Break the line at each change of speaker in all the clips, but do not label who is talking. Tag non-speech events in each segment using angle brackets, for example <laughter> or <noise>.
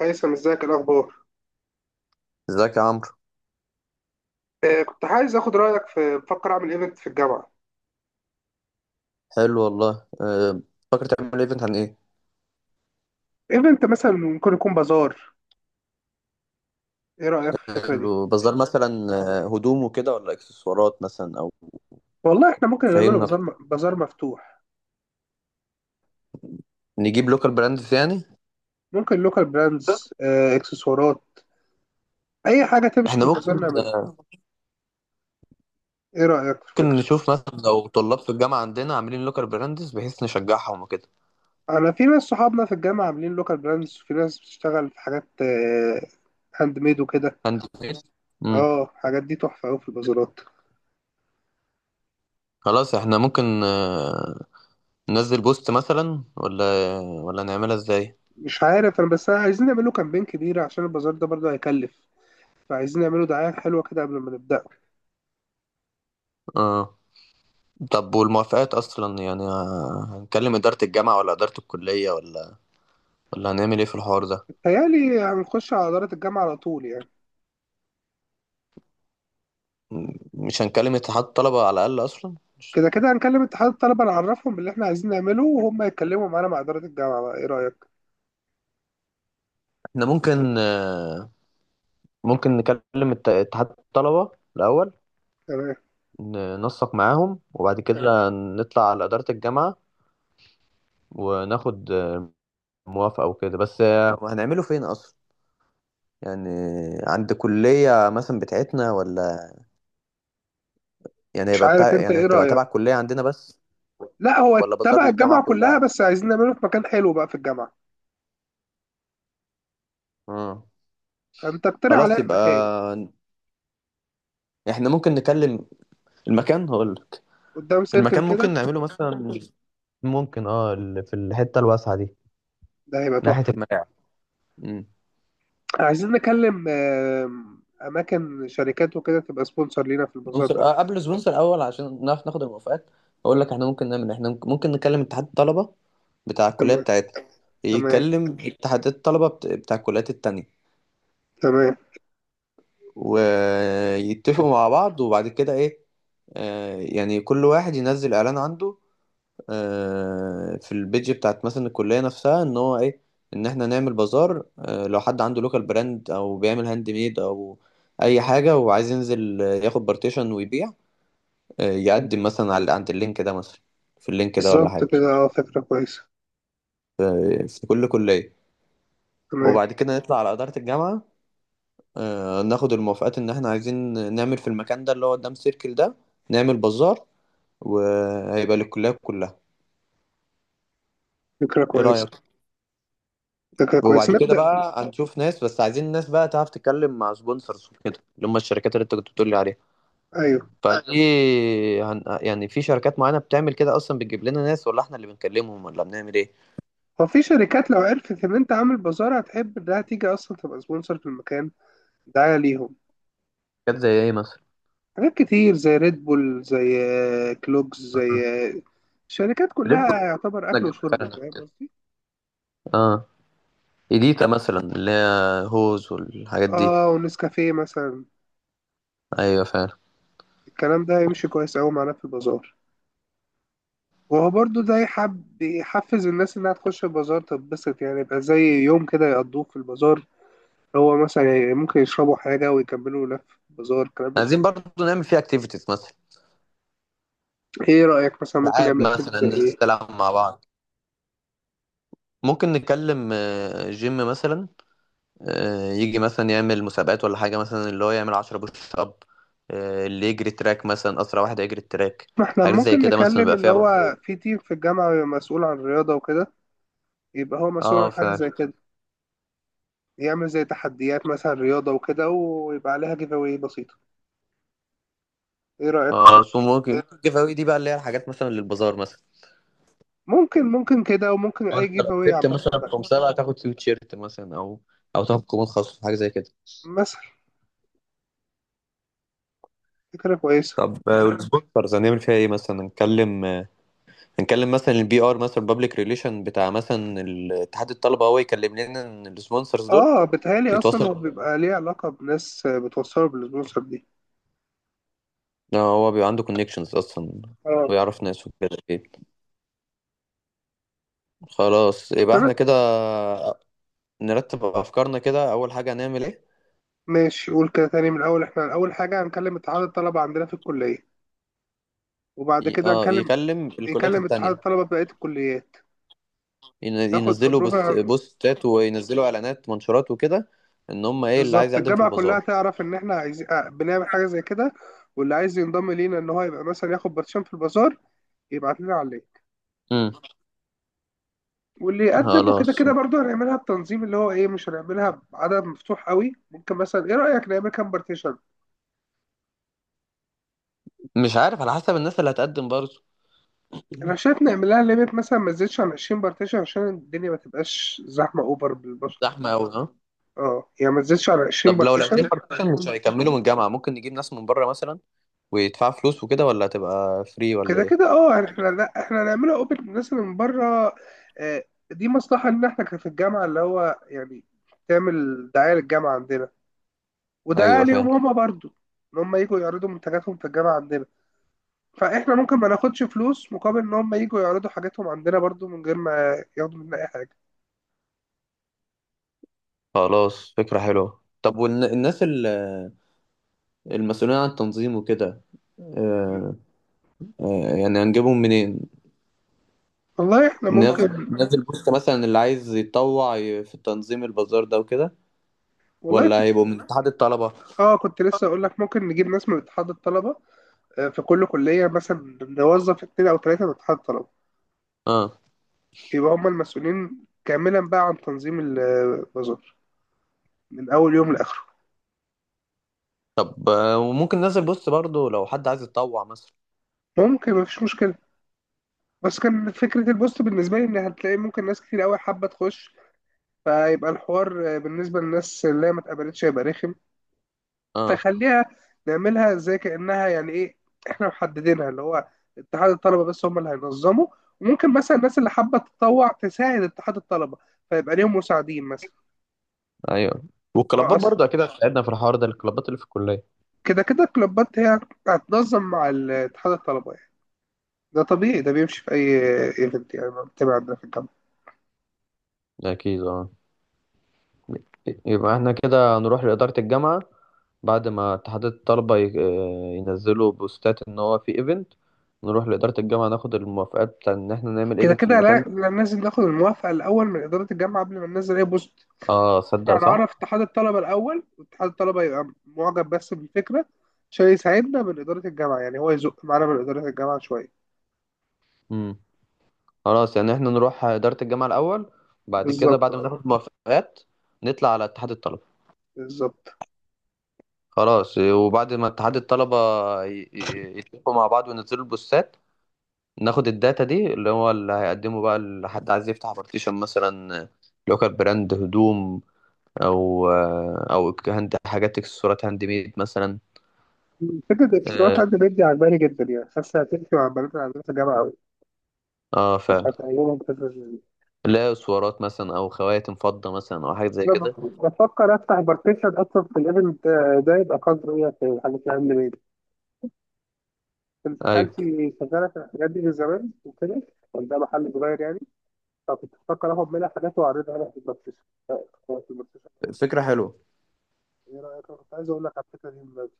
هيثم، ازيك؟ إيه الاخبار؟
ازيك يا عمرو.
آه، كنت عايز اخد رايك في، بفكر اعمل ايفنت في الجامعه.
حلو والله. فاكر تعمل ايفنت عن ايه؟
ايفنت مثلا ممكن يكون بازار. ايه رايك في الفكره دي؟
حلو بس ده مثلا هدوم وكده ولا اكسسوارات مثلا او
والله احنا ممكن نعمله
فهمنا.
بازار بازار مفتوح.
نجيب لوكال براندز يعني.
ممكن لوكال براندز، آه اكسسوارات، اي حاجه تمشي في
احنا
البازار
ممكن
نعملها.
أه،
ايه رايك في
ممكن
الفكره؟
نشوف مثلا لو طلاب في الجامعه عندنا عاملين لوكال براندز بحيث نشجعهم وكده.
انا في ناس صحابنا في الجامعه عاملين لوكال براندز، وفي ناس بتشتغل في حاجات، هاند ميد وكده.
عندي. امم
اه الحاجات دي تحفه قوي في البازارات.
خلاص احنا ممكن ننزل بوست مثلا ولا نعملها ازاي.
مش عارف، انا بس عايزين نعمله كامبين كبير عشان البازار ده برضه هيكلف، فعايزين نعمله دعاية حلوة كده قبل ما نبدأ.
اه، طب والموافقات اصلا يعني هنكلم اداره الجامعه ولا اداره الكليه ولا هنعمل ايه في الحوار ده؟
بتهيألي هنخش على إدارة الجامعة على طول يعني.
مش هنكلم اتحاد الطلبة على الأقل أصلا مش...
كده كده هنكلم اتحاد الطلبة، نعرفهم باللي احنا عايزين نعمله، وهم يتكلموا معانا مع إدارة الجامعة بقى. ايه رأيك؟
احنا ممكن ممكن نكلم اتحاد الطلبة الأول.
تمام.
ننسق معاهم وبعد كده نطلع على إدارة الجامعة وناخد موافقة وكده. بس هنعمله فين أصلا؟ يعني عند كلية مثلا بتاعتنا، ولا يعني
مش
هيبقى
عارف،
بتاع،
انت
يعني
ايه
هتبقى
رأيك؟
تبع كلية عندنا بس،
لا هو
ولا بازار
تبع
للجامعة
الجامعة كلها،
كلها؟
بس عايزين نعمله في مكان حلو بقى في الجامعة.
اه.
فانت اقترح
خلاص
عليا
يبقى
المكان.
احنا ممكن نكلم. المكان هقولك.
قدام سيركل
المكان ممكن
كده
نعمله مثلا ممكن اه في الحته الواسعه دي
ده هيبقى
ناحيه
تحفة.
الملاعب. امم
عايزين نكلم أماكن شركات وكده تبقى سبونسر لينا في البازار
سبونسر،
ده.
آه قبل سبونسر اول عشان نعرف ناخد الموافقات. اقول لك احنا ممكن نعمل إيه. احنا ممكن نكلم اتحاد الطلبه بتاع الكليه
تمام.
بتاعتنا.
تمام.
يكلم اتحادات الطلبه بتاع الكليات التانية
تمام.
ويتفقوا مع بعض وبعد كده ايه. آه، يعني كل واحد ينزل اعلان عنده، في البيج بتاعت مثلا الكلية نفسها، ان هو ايه، ان احنا نعمل بازار. لو حد عنده لوكال براند او بيعمل هاند ميد او اي حاجة وعايز ينزل ياخد بارتيشن ويبيع. يقدم مثلا على عند اللينك ده مثلا، في اللينك ده ولا
بالظبط
حاجة.
كده. اه فكرة كويسة.
في كل كلية.
تمام.
وبعد كده نطلع على إدارة الجامعة، ناخد الموافقات ان احنا عايزين نعمل في المكان ده اللي هو قدام سيركل ده نعمل بازار وهيبقى للكلية كلها.
فكرة
ايه
كويسة.
رأيك؟
فكرة كويسة،
وبعد كده
نبدأ.
بقى هنشوف ناس، بس عايزين ناس بقى تعرف تتكلم مع سبونسرز وكده، اللي هم الشركات اللي انت كنت بتقول لي عليها.
أيوه.
فدي يعني في شركات معينة بتعمل كده اصلا بتجيب لنا ناس، ولا احنا اللي بنكلمهم، ولا بنعمل ايه؟
هو في شركات لو عرفت إن أنت عامل بازار هتحب إنها تيجي أصلا تبقى سبونسر في المكان، دعاية ليهم.
شركات زي ايه مثلا؟
حاجات كتير زي ريد بول، زي، كلوكس،
آه.
زي، آه، الشركات
ليه،
كلها يعتبر أكل
بتنجح
وشرب.
فعلا
فاهم
كده؟
قصدي؟
اه، ايديتا مثلا اللي هي هوز والحاجات دي.
آه ونسكافيه مثلا.
ايوه فعلا.
الكلام ده هيمشي كويس أوي معانا في البازار. وهو برضو ده يحب يحفز الناس إنها تخش البازار تتبسط، يعني يبقى زي يوم كده يقضوه في البازار. هو مثلا يعني ممكن يشربوا حاجة ويكملوا لف بازار، الكلام من ده.
عايزين برضو نعمل فيها اكتيفيتيز مثلا.
ايه رأيك مثلا ممكن
العاب
نعمل اكتيفيتي زي
مثلا،
ايه؟
نلعب مع بعض. ممكن نكلم جيم مثلا، يجي مثلا يعمل مسابقات ولا حاجة مثلا اللي هو يعمل عشرة بوش أب. اللي يجري تراك مثلا، أسرع واحد هيجري التراك.
ما احنا
حاجات زي
ممكن
كده مثلا
نكلم
بيبقى
اللي
فيها برضه.
هو في تيم في الجامعة بيبقى مسؤول عن الرياضة وكده. يبقى هو مسؤول
اه
عن حاجة زي
فعلا.
كده، يعمل زي تحديات مثلا رياضة وكده، ويبقى عليها جيف اواي بسيطة. ايه رأيك في؟
اه، سو ممكن الجيف أوي دي بقى اللي هي الحاجات مثلا للبازار مثلا.
ممكن، ممكن كده، وممكن
هو
اي
انت لو
جيف اواي
كسبت
عامة
مثلا في
بقى.
مسابقة تاخد تي شيرت مثلا او او تاخد كومنت خاص، حاجة زي كده.
مثلا. فكرة كويسة.
طب والسبونسرز هنعمل فيها ايه مثلا؟ هنتكلم هنتكلم مثلا البي ار مثلا بابليك ريليشن بتاع مثلا اتحاد الطلبة، هو يكلم لنا السبونسرز دول.
اه بتهيألي اصلا
يتواصل.
هو بيبقى ليه علاقة بناس بتوصله بالسبونسر دي.
لا، هو بيبقى عنده كونكشنز اصلا
اه.
ويعرف ناس وكده اكيد. خلاص يبقى احنا
بس
كده نرتب افكارنا. كده اول حاجه هنعمل ايه.
ماشي، قول كده تاني من الأول. إحنا أول حاجة هنكلم اتحاد الطلبة عندنا في الكلية، وبعد
ي-
كده
اه
هنكلم،
يكلم الكليات
يكلم اتحاد
التانية.
الطلبة في بقية الكليات. ناخد
ينزلوا
أبروفال
بوست بوستات وينزلوا اعلانات منشورات وكده، ان هم ايه اللي عايز
بالظبط،
يقدم في
الجامعة كلها
البازار.
تعرف إن إحنا عايزين، بنعمل حاجة زي كده. واللي عايز ينضم لينا إن هو يبقى مثلا ياخد باتشان في البازار، يبعت لنا عليه.
امم
واللي يقدم وكده
خلاص.
كده برضه هنعملها بتنظيم. اللي هو إيه، مش هنعملها بعدد مفتوح قوي. ممكن مثلا، إيه رأيك نعمل كام بارتيشن؟
مش عارف، على حسب الناس اللي هتقدم برضه.
أنا شايف نعملها ليميت مثلا، ما تزيدش عن 20 بارتيشن عشان الدنيا ما تبقاش زحمة أوفر بالبشر.
زحمه قوي ها.
اه يعني ما تزيدش على 20
طب لو لقيتين
بارتيشن.
بارتيشن <laughs> مش هيكملوا من الجامعه ممكن نجيب ناس من بره مثلا ويدفعوا فلوس وكده، ولا هتبقى فري ولا
كده كده
ايه؟
اه، يعني احنا، لا احنا هنعملها اوبن للناس اللي من بره. آه، دي مصلحه، ان احنا كان في الجامعه اللي هو يعني تعمل دعايه للجامعه عندنا، ودعايه
ايوه
ليهم
فاهم.
هما برضو، ان هم يجوا يعرضوا منتجاتهم في الجامعه عندنا. فاحنا ممكن ما ناخدش فلوس مقابل ان هم يجوا يعرضوا حاجاتهم عندنا، برضو من غير ما ياخدوا مننا اي حاجه.
خلاص فكرة حلوة. طب والناس المسؤولين عن التنظيم وكده، آه، يعني هنجيبهم منين؟
والله احنا
ناس
ممكن.
ناس البوست مثلا اللي عايز يتطوع في تنظيم البازار ده وكده،
والله في.
ولا هيبقوا من اتحاد الطلبة؟
اه كنت لسه اقول لك، ممكن نجيب ناس من اتحاد الطلبه. في كل كليه مثلا نوظف 2 او 3 من اتحاد الطلبه،
اه،
يبقى هم المسؤولين كاملا بقى عن تنظيم البازار، من اول يوم لاخره.
طب وممكن ناس البوست برضو لو حد عايز يتطوع مثلا.
ممكن، مفيش مشكله. بس كان فكره البوست بالنسبه لي ان هتلاقي ممكن ناس كتير قوي حابه تخش، فيبقى الحوار بالنسبه للناس اللي ما اتقبلتش هيبقى رخم.
اه
فخليها، نعملها زي كانها، يعني ايه، احنا محددينها اللي هو اتحاد الطلبه بس هم اللي هينظموا. وممكن مثلا الناس اللي حابه تتطوع تساعد اتحاد الطلبه، فيبقى ليهم مساعدين مثلا.
ايوه.
هو
والكلابات
اصلا
برضو اكيد هتساعدنا في الحوار ده، الكلابات اللي في الكلية.
كده كده الكلوبات هي هتنظم مع اتحاد الطلبه يعني. ده طبيعي، ده بيمشي في أي ايفنت يعني بتابع عندنا في الجامعة.
اكيد اه. يبقى احنا كده هنروح لإدارة الجامعة بعد ما اتحاد الطلبة ينزلوا بوستات إن هو في إيفنت. نروح لإدارة الجامعة ناخد الموافقات بتاع إن إحنا نعمل
كده
إيفنت في
كده
المكان
لا،
ده.
لا لازم ناخد الموافقة الأول من إدارة الجامعة قبل ما ننزل أي بوست.
آه صدق صح.
هنعرف اتحاد الطلبة الأول، واتحاد الطلبة يبقى معجب بس بالفكرة عشان يساعدنا من إدارة الجامعة، يعني هو يزق معانا من إدارة الجامعة شوية.
مم. خلاص يعني إحنا نروح إدارة الجامعة الأول، بعد كده
بالظبط
بعد ما
اه.
ناخد موافقات نطلع على اتحاد الطلبة.
بالظبط.
خلاص وبعد ما اتحاد الطلبة يتفقوا مع بعض وينزلوا البوستات ناخد الداتا دي اللي هو اللي هيقدمه بقى لحد عايز يفتح بارتيشن مثلا. لوكال براند هدوم او او هند حاجات اكسسوارات هاند ميد مثلا.
فكرة التسويقات
اه
عند بنتي عجباني جدا، يعني حاسة هتمشي مع البنات اللي عندنا في الجامعة أوي.
فعلا.
هتعجبهم الفكرة دي.
لا، اسوارات مثلا او خواتم فضة مثلا او حاجات زي
أنا
كده.
بفكر أفتح بارتيشن أصلا في الإيفنت ده، يبقى قدر إيه في الحاجات اللي عندي. انت
ايوه
خالتي شغاله في الحاجات دي من زمان وكده، كان ده محل صغير يعني. فكنت بفكر اخد منها حاجات واعرضها عليها في الماركت، في الماركت.
فكرة حلوة.
ايه رايك؟ انا كنت عايز اقول لك على الفكره دي من بدري.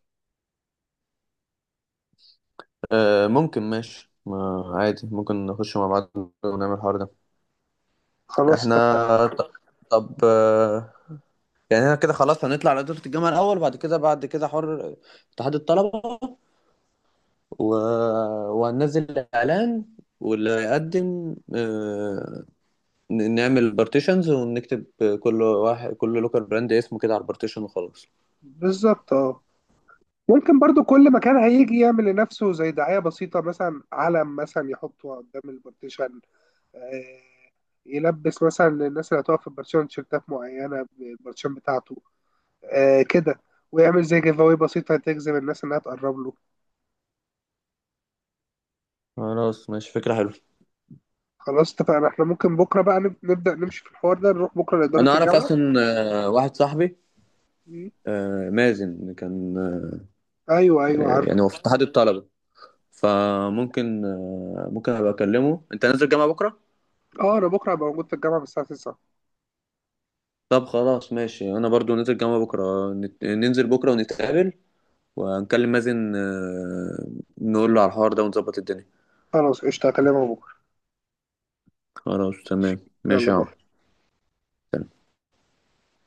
آه ممكن ماشي ما عادي، ممكن نخش مع بعض ونعمل الحوار ده.
خلاص
احنا
اتفقنا.
ط- طب آه، يعني احنا كده خلاص هنطلع على دورة الجامعة الاول. بعد كده حر اتحاد الطلبة و... وهننزل اعلان، واللي يقدم نعمل بارتيشنز ونكتب كل واحد كل لوكال براند اسمه كده على البارتيشن وخلاص.
بالظبط اه. ممكن برضو كل مكان هيجي يعمل لنفسه زي دعايه بسيطه، مثلا علم مثلا يحطه قدام البارتيشن، آه، يلبس مثلا للناس اللي هتقف في البارتيشن تيشيرتات معينه بالبارتيشن بتاعته، كده. ويعمل زي جيف اواي بسيطه تجذب الناس انها تقرب له.
خلاص ماشي فكرة حلوة.
خلاص اتفقنا. احنا ممكن بكره بقى نبدا نمشي في الحوار ده، نروح بكره لاداره
انا اعرف
الجامعه.
اصلا واحد صاحبي
مم.
مازن كان
ايوه ايوه عارفه.
يعني هو في اتحاد الطلبة. فممكن ممكن ابقى اكلمه. انت نازل جامعة بكرة؟
اه انا بكره هبقى موجود في الجامعه من الساعه 9.
طب خلاص ماشي، انا برضو نازل جامعة بكرة. ننزل بكرة ونتقابل ونكلم مازن، نقول له على الحوار ده ونظبط الدنيا.
خلاص قشطه، هكلمك بكره.
خلاص تمام.
يلا
ماشي يا عم.
باي.